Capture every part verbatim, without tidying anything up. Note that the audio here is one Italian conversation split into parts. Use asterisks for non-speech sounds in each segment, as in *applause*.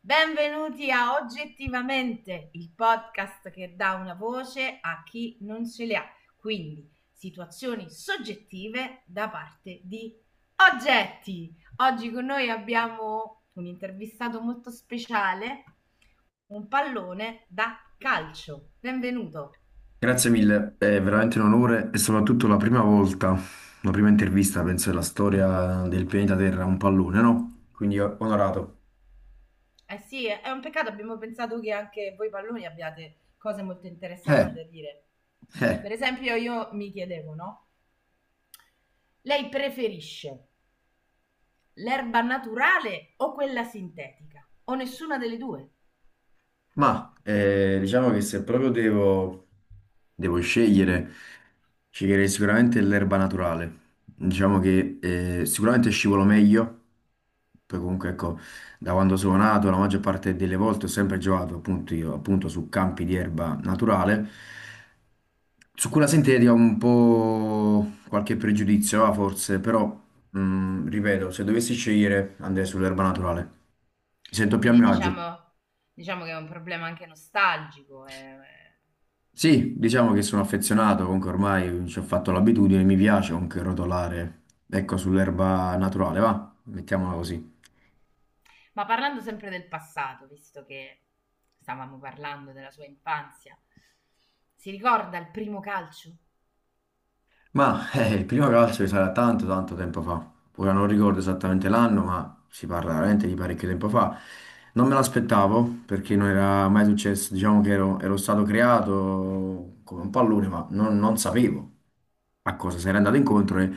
Benvenuti a Oggettivamente, il podcast che dà una voce a chi non ce le ha. Quindi situazioni soggettive da parte di oggetti. Oggi con noi abbiamo un intervistato molto speciale, un pallone da calcio. Benvenuto. Grazie mille, è veramente un onore e soprattutto la prima volta, la prima intervista, penso, della storia del pianeta Terra, a un pallone, no? Quindi eh, onorato. Eh sì, è è un peccato, abbiamo pensato che anche voi palloni abbiate cose molto interessanti Eh, da dire. eh, Per esempio, io mi chiedevo, no? Lei preferisce l'erba naturale o quella sintetica, o nessuna delle due. ma eh, diciamo che se proprio devo, devo scegliere, sceglierei sicuramente l'erba naturale. Diciamo che eh, sicuramente scivolo meglio, poi comunque ecco, da quando sono nato, la maggior parte delle volte ho sempre giocato appunto io, appunto su campi di erba naturale. Su quella senteria ho un po' qualche pregiudizio, ah, forse, però, mh, ripeto, se dovessi scegliere andrei sull'erba naturale. Mi sento più a Quindi mio agio. diciamo, diciamo che è un problema anche nostalgico, eh. Sì, diciamo che sono affezionato, comunque ormai ci ho fatto l'abitudine, mi piace comunque rotolare. Ecco, sull'erba naturale, va, mettiamola così. Ma parlando sempre del passato, visto che stavamo parlando della sua infanzia, si ricorda il primo calcio? Ma *laughs* eh, il primo calcio sarà tanto tanto tempo fa. Ora non ricordo esattamente l'anno, ma si parla veramente di parecchio tempo fa. Non me l'aspettavo perché non era mai successo, diciamo che ero, ero stato creato come un pallone, ma non, non sapevo a cosa sarei andato incontro e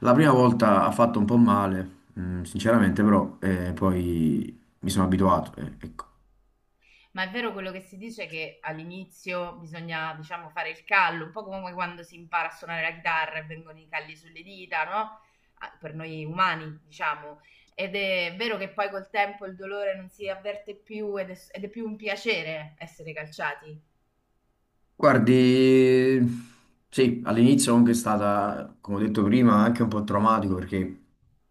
la prima volta ha fatto un po' male, mm, sinceramente, però eh, poi mi sono abituato. eh, ecco. Ma è vero quello che si dice che all'inizio bisogna, diciamo, fare il callo, un po' come quando si impara a suonare la chitarra e vengono i calli sulle dita, no? Ah, per noi umani, diciamo. Ed è vero che poi col tempo il dolore non si avverte più ed è, ed è più un piacere essere calciati. Guardi, sì, all'inizio comunque è stata, come ho detto prima, anche un po' traumatico perché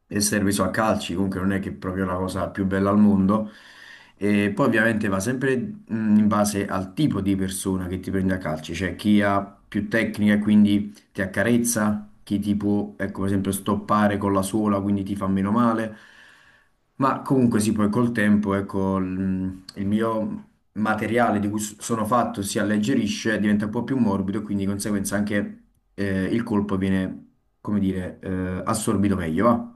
essere preso a calci comunque non è che è proprio la cosa più bella al mondo. E poi ovviamente va sempre mh, in base al tipo di persona che ti prende a calci, cioè chi ha più tecnica e quindi ti accarezza, chi ti può, ecco, per esempio, stoppare con la suola, quindi ti fa meno male. Ma comunque sì, poi col tempo, ecco, il il mio materiale di cui s- sono fatto si alleggerisce, diventa un po' più morbido e quindi di conseguenza anche eh, il colpo viene, come dire, eh, assorbito meglio, va?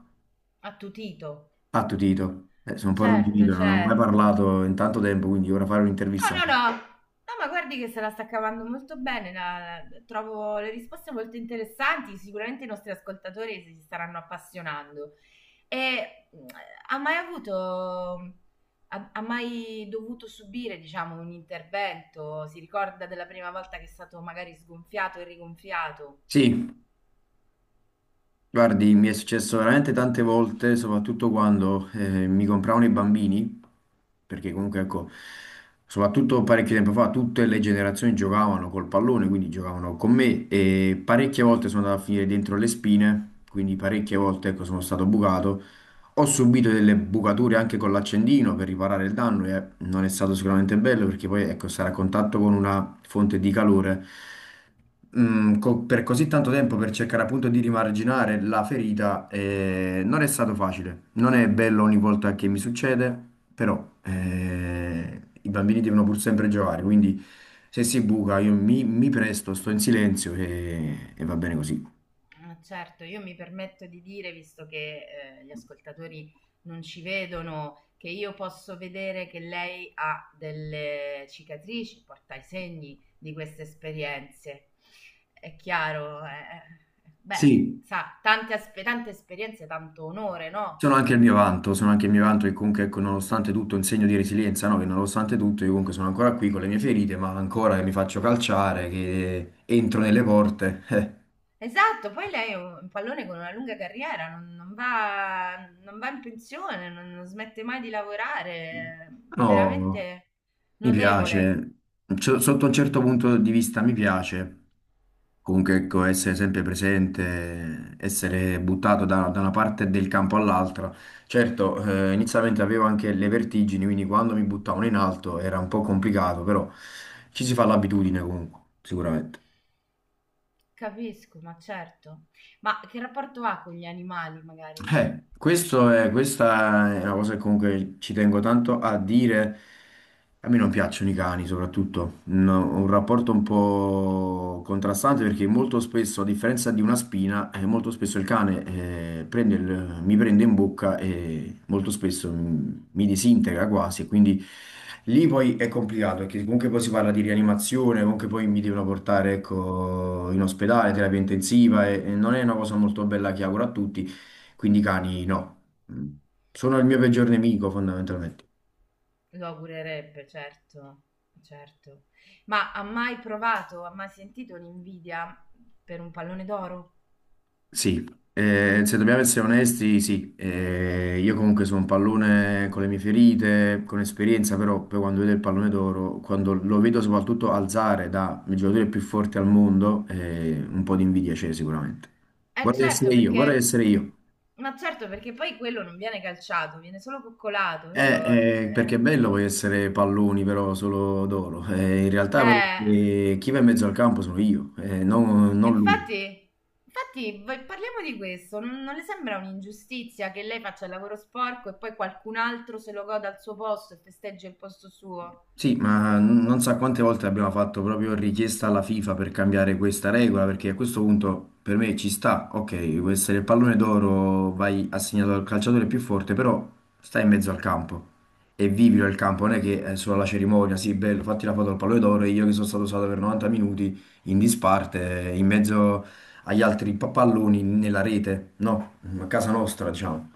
Attutito. Attutito. Eh, sono un po' Certo, arrugginito, non ho mai certo. parlato in tanto tempo, quindi ora fare un'intervista. No, no, no. No, ma guardi che se la sta cavando molto bene, la- la- trovo le risposte molto interessanti, sicuramente i nostri ascoltatori si staranno appassionando. E mh, ha mai avuto, ha, ha mai dovuto subire, diciamo, un intervento? Si ricorda della prima volta che è stato magari sgonfiato e rigonfiato? Sì. Guardi, mi è successo veramente tante volte, soprattutto quando eh, mi compravano i bambini, perché comunque, ecco, soprattutto parecchio tempo fa, tutte le generazioni giocavano col pallone, quindi giocavano con me e parecchie volte sono andato a finire dentro le spine, quindi parecchie volte, ecco, sono stato bucato. Ho subito delle bucature anche con l'accendino per riparare il danno e non è stato sicuramente bello perché poi, ecco, stare a contatto con una fonte di calore mm, co- per così tanto tempo per cercare appunto di rimarginare la ferita, eh, non è stato facile. Non è bello ogni volta che mi succede, però eh, i bambini devono pur sempre giocare, quindi se si buca io mi, mi presto, sto in silenzio e, e va bene così. Ah, certo, io mi permetto di dire, visto che eh, gli ascoltatori non ci vedono, che io posso vedere che lei ha delle cicatrici, porta i segni di queste esperienze. È chiaro, eh, eh, beh, Sì, sa, tante, aspe- tante esperienze, tanto onore, no? sono anche il mio vanto, sono anche il mio vanto che comunque ecco, nonostante tutto è un segno di resilienza, no? Che nonostante tutto io comunque sono ancora qui con le mie ferite, ma ancora che mi faccio calciare, che entro nelle porte. *laughs* eh. Esatto, poi lei è un pallone con una lunga carriera, non, non va, non va in pensione, non non smette mai di lavorare, è No, veramente Mi notevole. piace, C- Sotto un certo punto di vista mi piace, comunque ecco, essere sempre presente, essere buttato da, da una parte del campo all'altra. Certo, eh, inizialmente avevo anche le vertigini, quindi quando mi buttavano in alto era un po' complicato, però ci si fa l'abitudine comunque, sicuramente. Capisco, ma certo. Ma che rapporto ha con gli animali, magari? Eh, questo è- questa è una cosa che comunque ci tengo tanto a dire. A me non piacciono i cani, soprattutto. No, ho un rapporto un po' contrastante perché molto spesso, a differenza di una spina, eh, molto spesso il cane eh, prende il- mi prende in bocca e molto spesso mi, mi disintegra quasi. Quindi lì poi è complicato perché comunque poi si parla di rianimazione, comunque poi mi devono portare, ecco, in ospedale, terapia intensiva e e non è una cosa molto bella che auguro a tutti. Quindi i cani no, Mm. sono il mio peggior nemico fondamentalmente. Lo augurerebbe, certo, certo. Ma ha mai provato, ha mai sentito l'invidia per un pallone d'oro? Sì, eh, se dobbiamo essere onesti, sì, Eh, io comunque sono un pallone con le mie ferite, con esperienza, però poi quando vedo il pallone d'oro, quando lo vedo soprattutto alzare da il giocatore più forte al mondo, eh, un po' di invidia c'è sicuramente. Eh Vorrei certo, essere io, vorrei perché... essere io. Ma certo, perché poi quello non viene calciato, viene solo coccolato, vero? Eh, eh, perché è Eh... bello poi essere palloni però solo d'oro. Eh, in realtà però eh. eh, chi va in mezzo al campo sono io, eh, non, E non lui. infatti, infatti, v- parliamo di questo. Non, non le sembra un'ingiustizia che lei faccia il lavoro sporco e poi qualcun altro se lo goda al suo posto e festeggia il posto suo? Sì, ma n- non so quante volte abbiamo fatto proprio richiesta alla FIFA per cambiare questa regola, perché a questo punto per me ci sta, ok, può essere il pallone d'oro, vai assegnato al calciatore più forte, però stai in mezzo al campo e vivilo il campo, non è che è solo la cerimonia, sì, bello, fatti la foto al pallone d'oro e io che sono stato usato per novanta minuti in disparte, eh, in mezzo agli altri pa- palloni nella rete, no, a casa nostra, diciamo.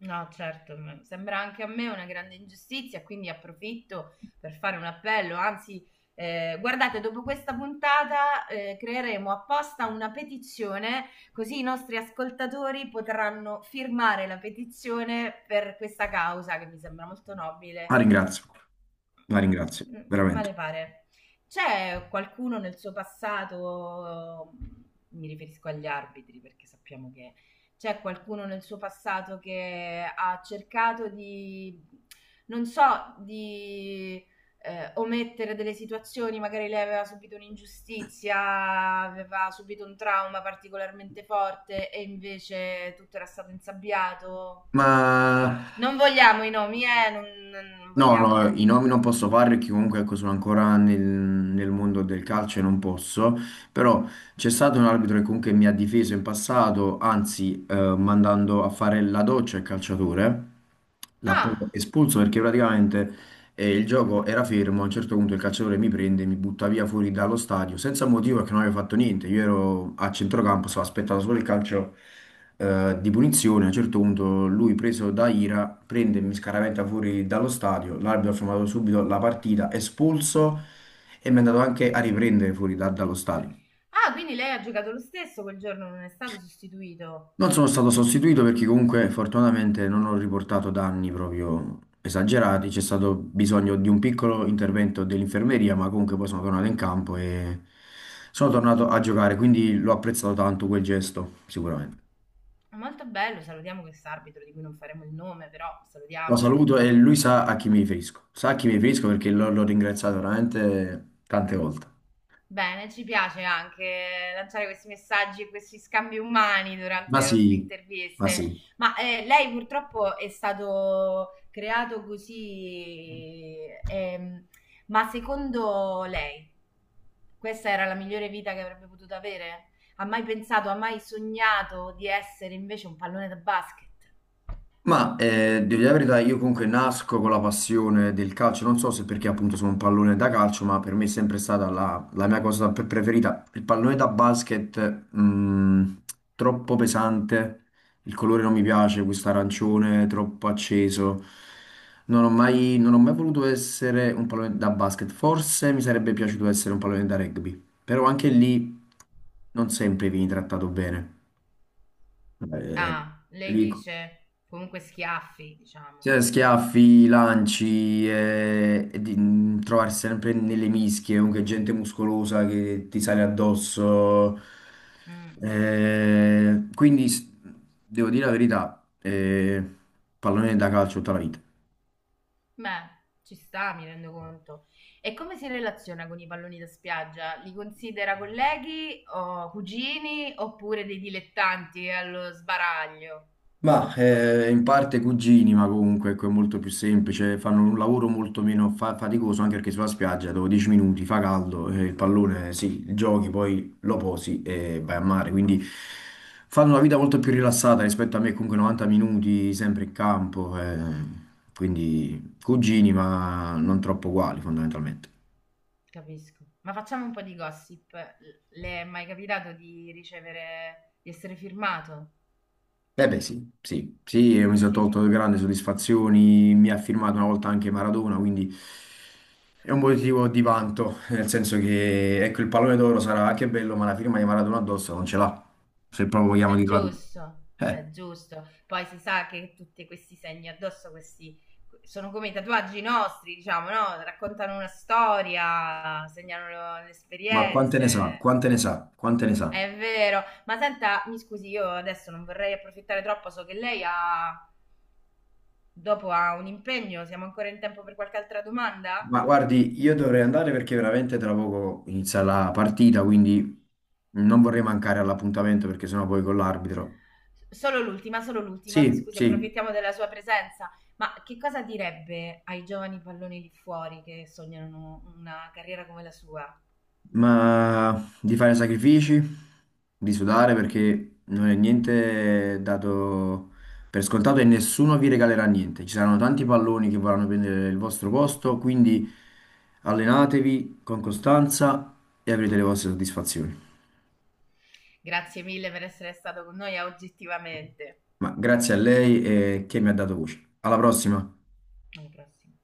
No, certo, m- sembra anche a me una grande ingiustizia, quindi approfitto per fare un appello. Anzi, eh, guardate, dopo questa puntata, eh, creeremo apposta una petizione, così i nostri ascoltatori potranno firmare la petizione per questa causa che mi sembra molto La nobile. ringrazio, la Mm, ringrazio, veramente. male pare. C'è qualcuno nel suo passato, mm, mi riferisco agli arbitri perché sappiamo che c'è qualcuno nel suo passato che ha cercato di, non so, di eh, omettere delle situazioni, magari lei aveva subito un'ingiustizia, aveva subito un trauma particolarmente forte e invece tutto era stato insabbiato. Ma Non vogliamo i nomi, eh, non, non No, no, vogliamo... i nomi non posso Mm. fare perché comunque ecco, sono ancora nel, nel mondo del calcio e non posso, però c'è stato un arbitro che comunque mi ha difeso in passato, anzi eh, mandando a fare la doccia al calciatore, l'ha proprio Ah, espulso perché praticamente e il gioco era fermo, a un certo punto il calciatore mi prende, mi butta via fuori dallo stadio, senza motivo perché non avevo fatto niente. Io ero a centrocampo, stavo aspettando solo il calcio eh, di punizione. A un certo punto lui, preso da ira, prende e mi scaraventa fuori dallo stadio. L'arbitro ha fermato subito la partita, espulso e mi è andato anche a riprendere fuori da- dallo stadio. ah, quindi lei ha giocato lo stesso quel giorno, non è stato sostituito. Non sono stato sostituito perché comunque fortunatamente non ho riportato danni proprio esagerati, c'è stato bisogno di un piccolo intervento dell'infermeria, ma comunque poi sono tornato in campo e sono tornato a giocare, quindi l'ho apprezzato tanto quel gesto, sicuramente. Molto bello, salutiamo questo arbitro di cui non faremo il nome, però Lo salutiamolo saluto perché e lui eh, sa a chi mi riferisco, sa a chi mi riferisco perché l'ho l'ho ringraziato veramente tante volte. bene, ci piace anche lanciare questi messaggi e questi scambi umani durante Ma le nostre sì, ma interviste, sì. ma eh, lei purtroppo è stato creato così, ehm, ma secondo lei questa era la migliore vita che avrebbe potuto avere? Ha mai pensato, ha mai sognato di essere invece un pallone da basket? Ma eh, devo dire la verità, io comunque nasco con la passione del calcio, non so se perché appunto sono un pallone da calcio, ma per me è sempre stata la, la mia cosa pre- preferita. Il pallone da basket, mh, troppo pesante, il colore non mi piace, questo arancione troppo acceso. Non ho mai, non ho mai voluto essere un pallone da basket, forse mi sarebbe piaciuto essere un pallone da rugby, però anche lì non sempre vieni trattato bene. Eh, Ah, lei Lì, dice comunque schiaffi, diciamo. sì, schiaffi, lanci e, e di mm, trovarsi sempre nelle mischie, comunque gente muscolosa che ti sale addosso. Mm. Eh, quindi s- devo dire la verità, eh, pallone da calcio tutta la vita. Beh, ci sta, mi rendo conto. E come si relaziona con i palloni da spiaggia? Li considera colleghi o cugini oppure dei dilettanti allo sbaraglio? Ma eh, in parte cugini, ma comunque ecco, è molto più semplice, fanno un lavoro molto meno fa- faticoso anche perché sulla spiaggia dopo dieci minuti fa caldo, eh, il pallone sì, giochi, poi lo posi e vai a mare, quindi fanno una vita molto più rilassata rispetto a me, comunque novanta minuti sempre in campo, eh, quindi cugini ma non troppo uguali fondamentalmente. Capisco. Ma facciamo un po' di gossip. Le è mai capitato di ricevere, di essere firmato? Eh beh sì, sì, sì, e mi sono Sì. tolto grandi soddisfazioni, mi ha firmato una volta anche Maradona, quindi... È un motivo di vanto, nel senso che ecco, il pallone d'oro sarà anche bello, ma la firma di Maradona addosso non ce l'ha, se proprio vogliamo È dirla tu. giusto, è Eh, giusto. Poi si sa che tutti questi segni addosso, questi sono come i tatuaggi nostri, diciamo, no? Raccontano una storia, segnano le ma quante ne sa, esperienze. quante ne sa, quante ne sa. È vero. Ma senta, mi scusi, io adesso non vorrei approfittare troppo, so che lei ha, dopo ha un impegno, siamo ancora in tempo per qualche altra domanda? Ma guardi, io dovrei andare perché veramente tra poco inizia la partita, quindi non vorrei mancare all'appuntamento perché sennò poi con l'arbitro. Solo l'ultima, solo l'ultima, mi Sì, scusi, sì. approfittiamo della sua presenza, ma che cosa direbbe ai giovani palloni lì fuori che sognano una carriera come la sua? Ma di fare sacrifici, di sudare perché non è niente dato per scontato e nessuno vi regalerà niente. Ci saranno tanti palloni che vorranno prendere il vostro posto, quindi allenatevi con costanza e avrete le vostre soddisfazioni. Grazie mille per essere stato con noi a Oggettivamente. Ma grazie a lei e che mi ha dato voce. Alla prossima! Alla prossima.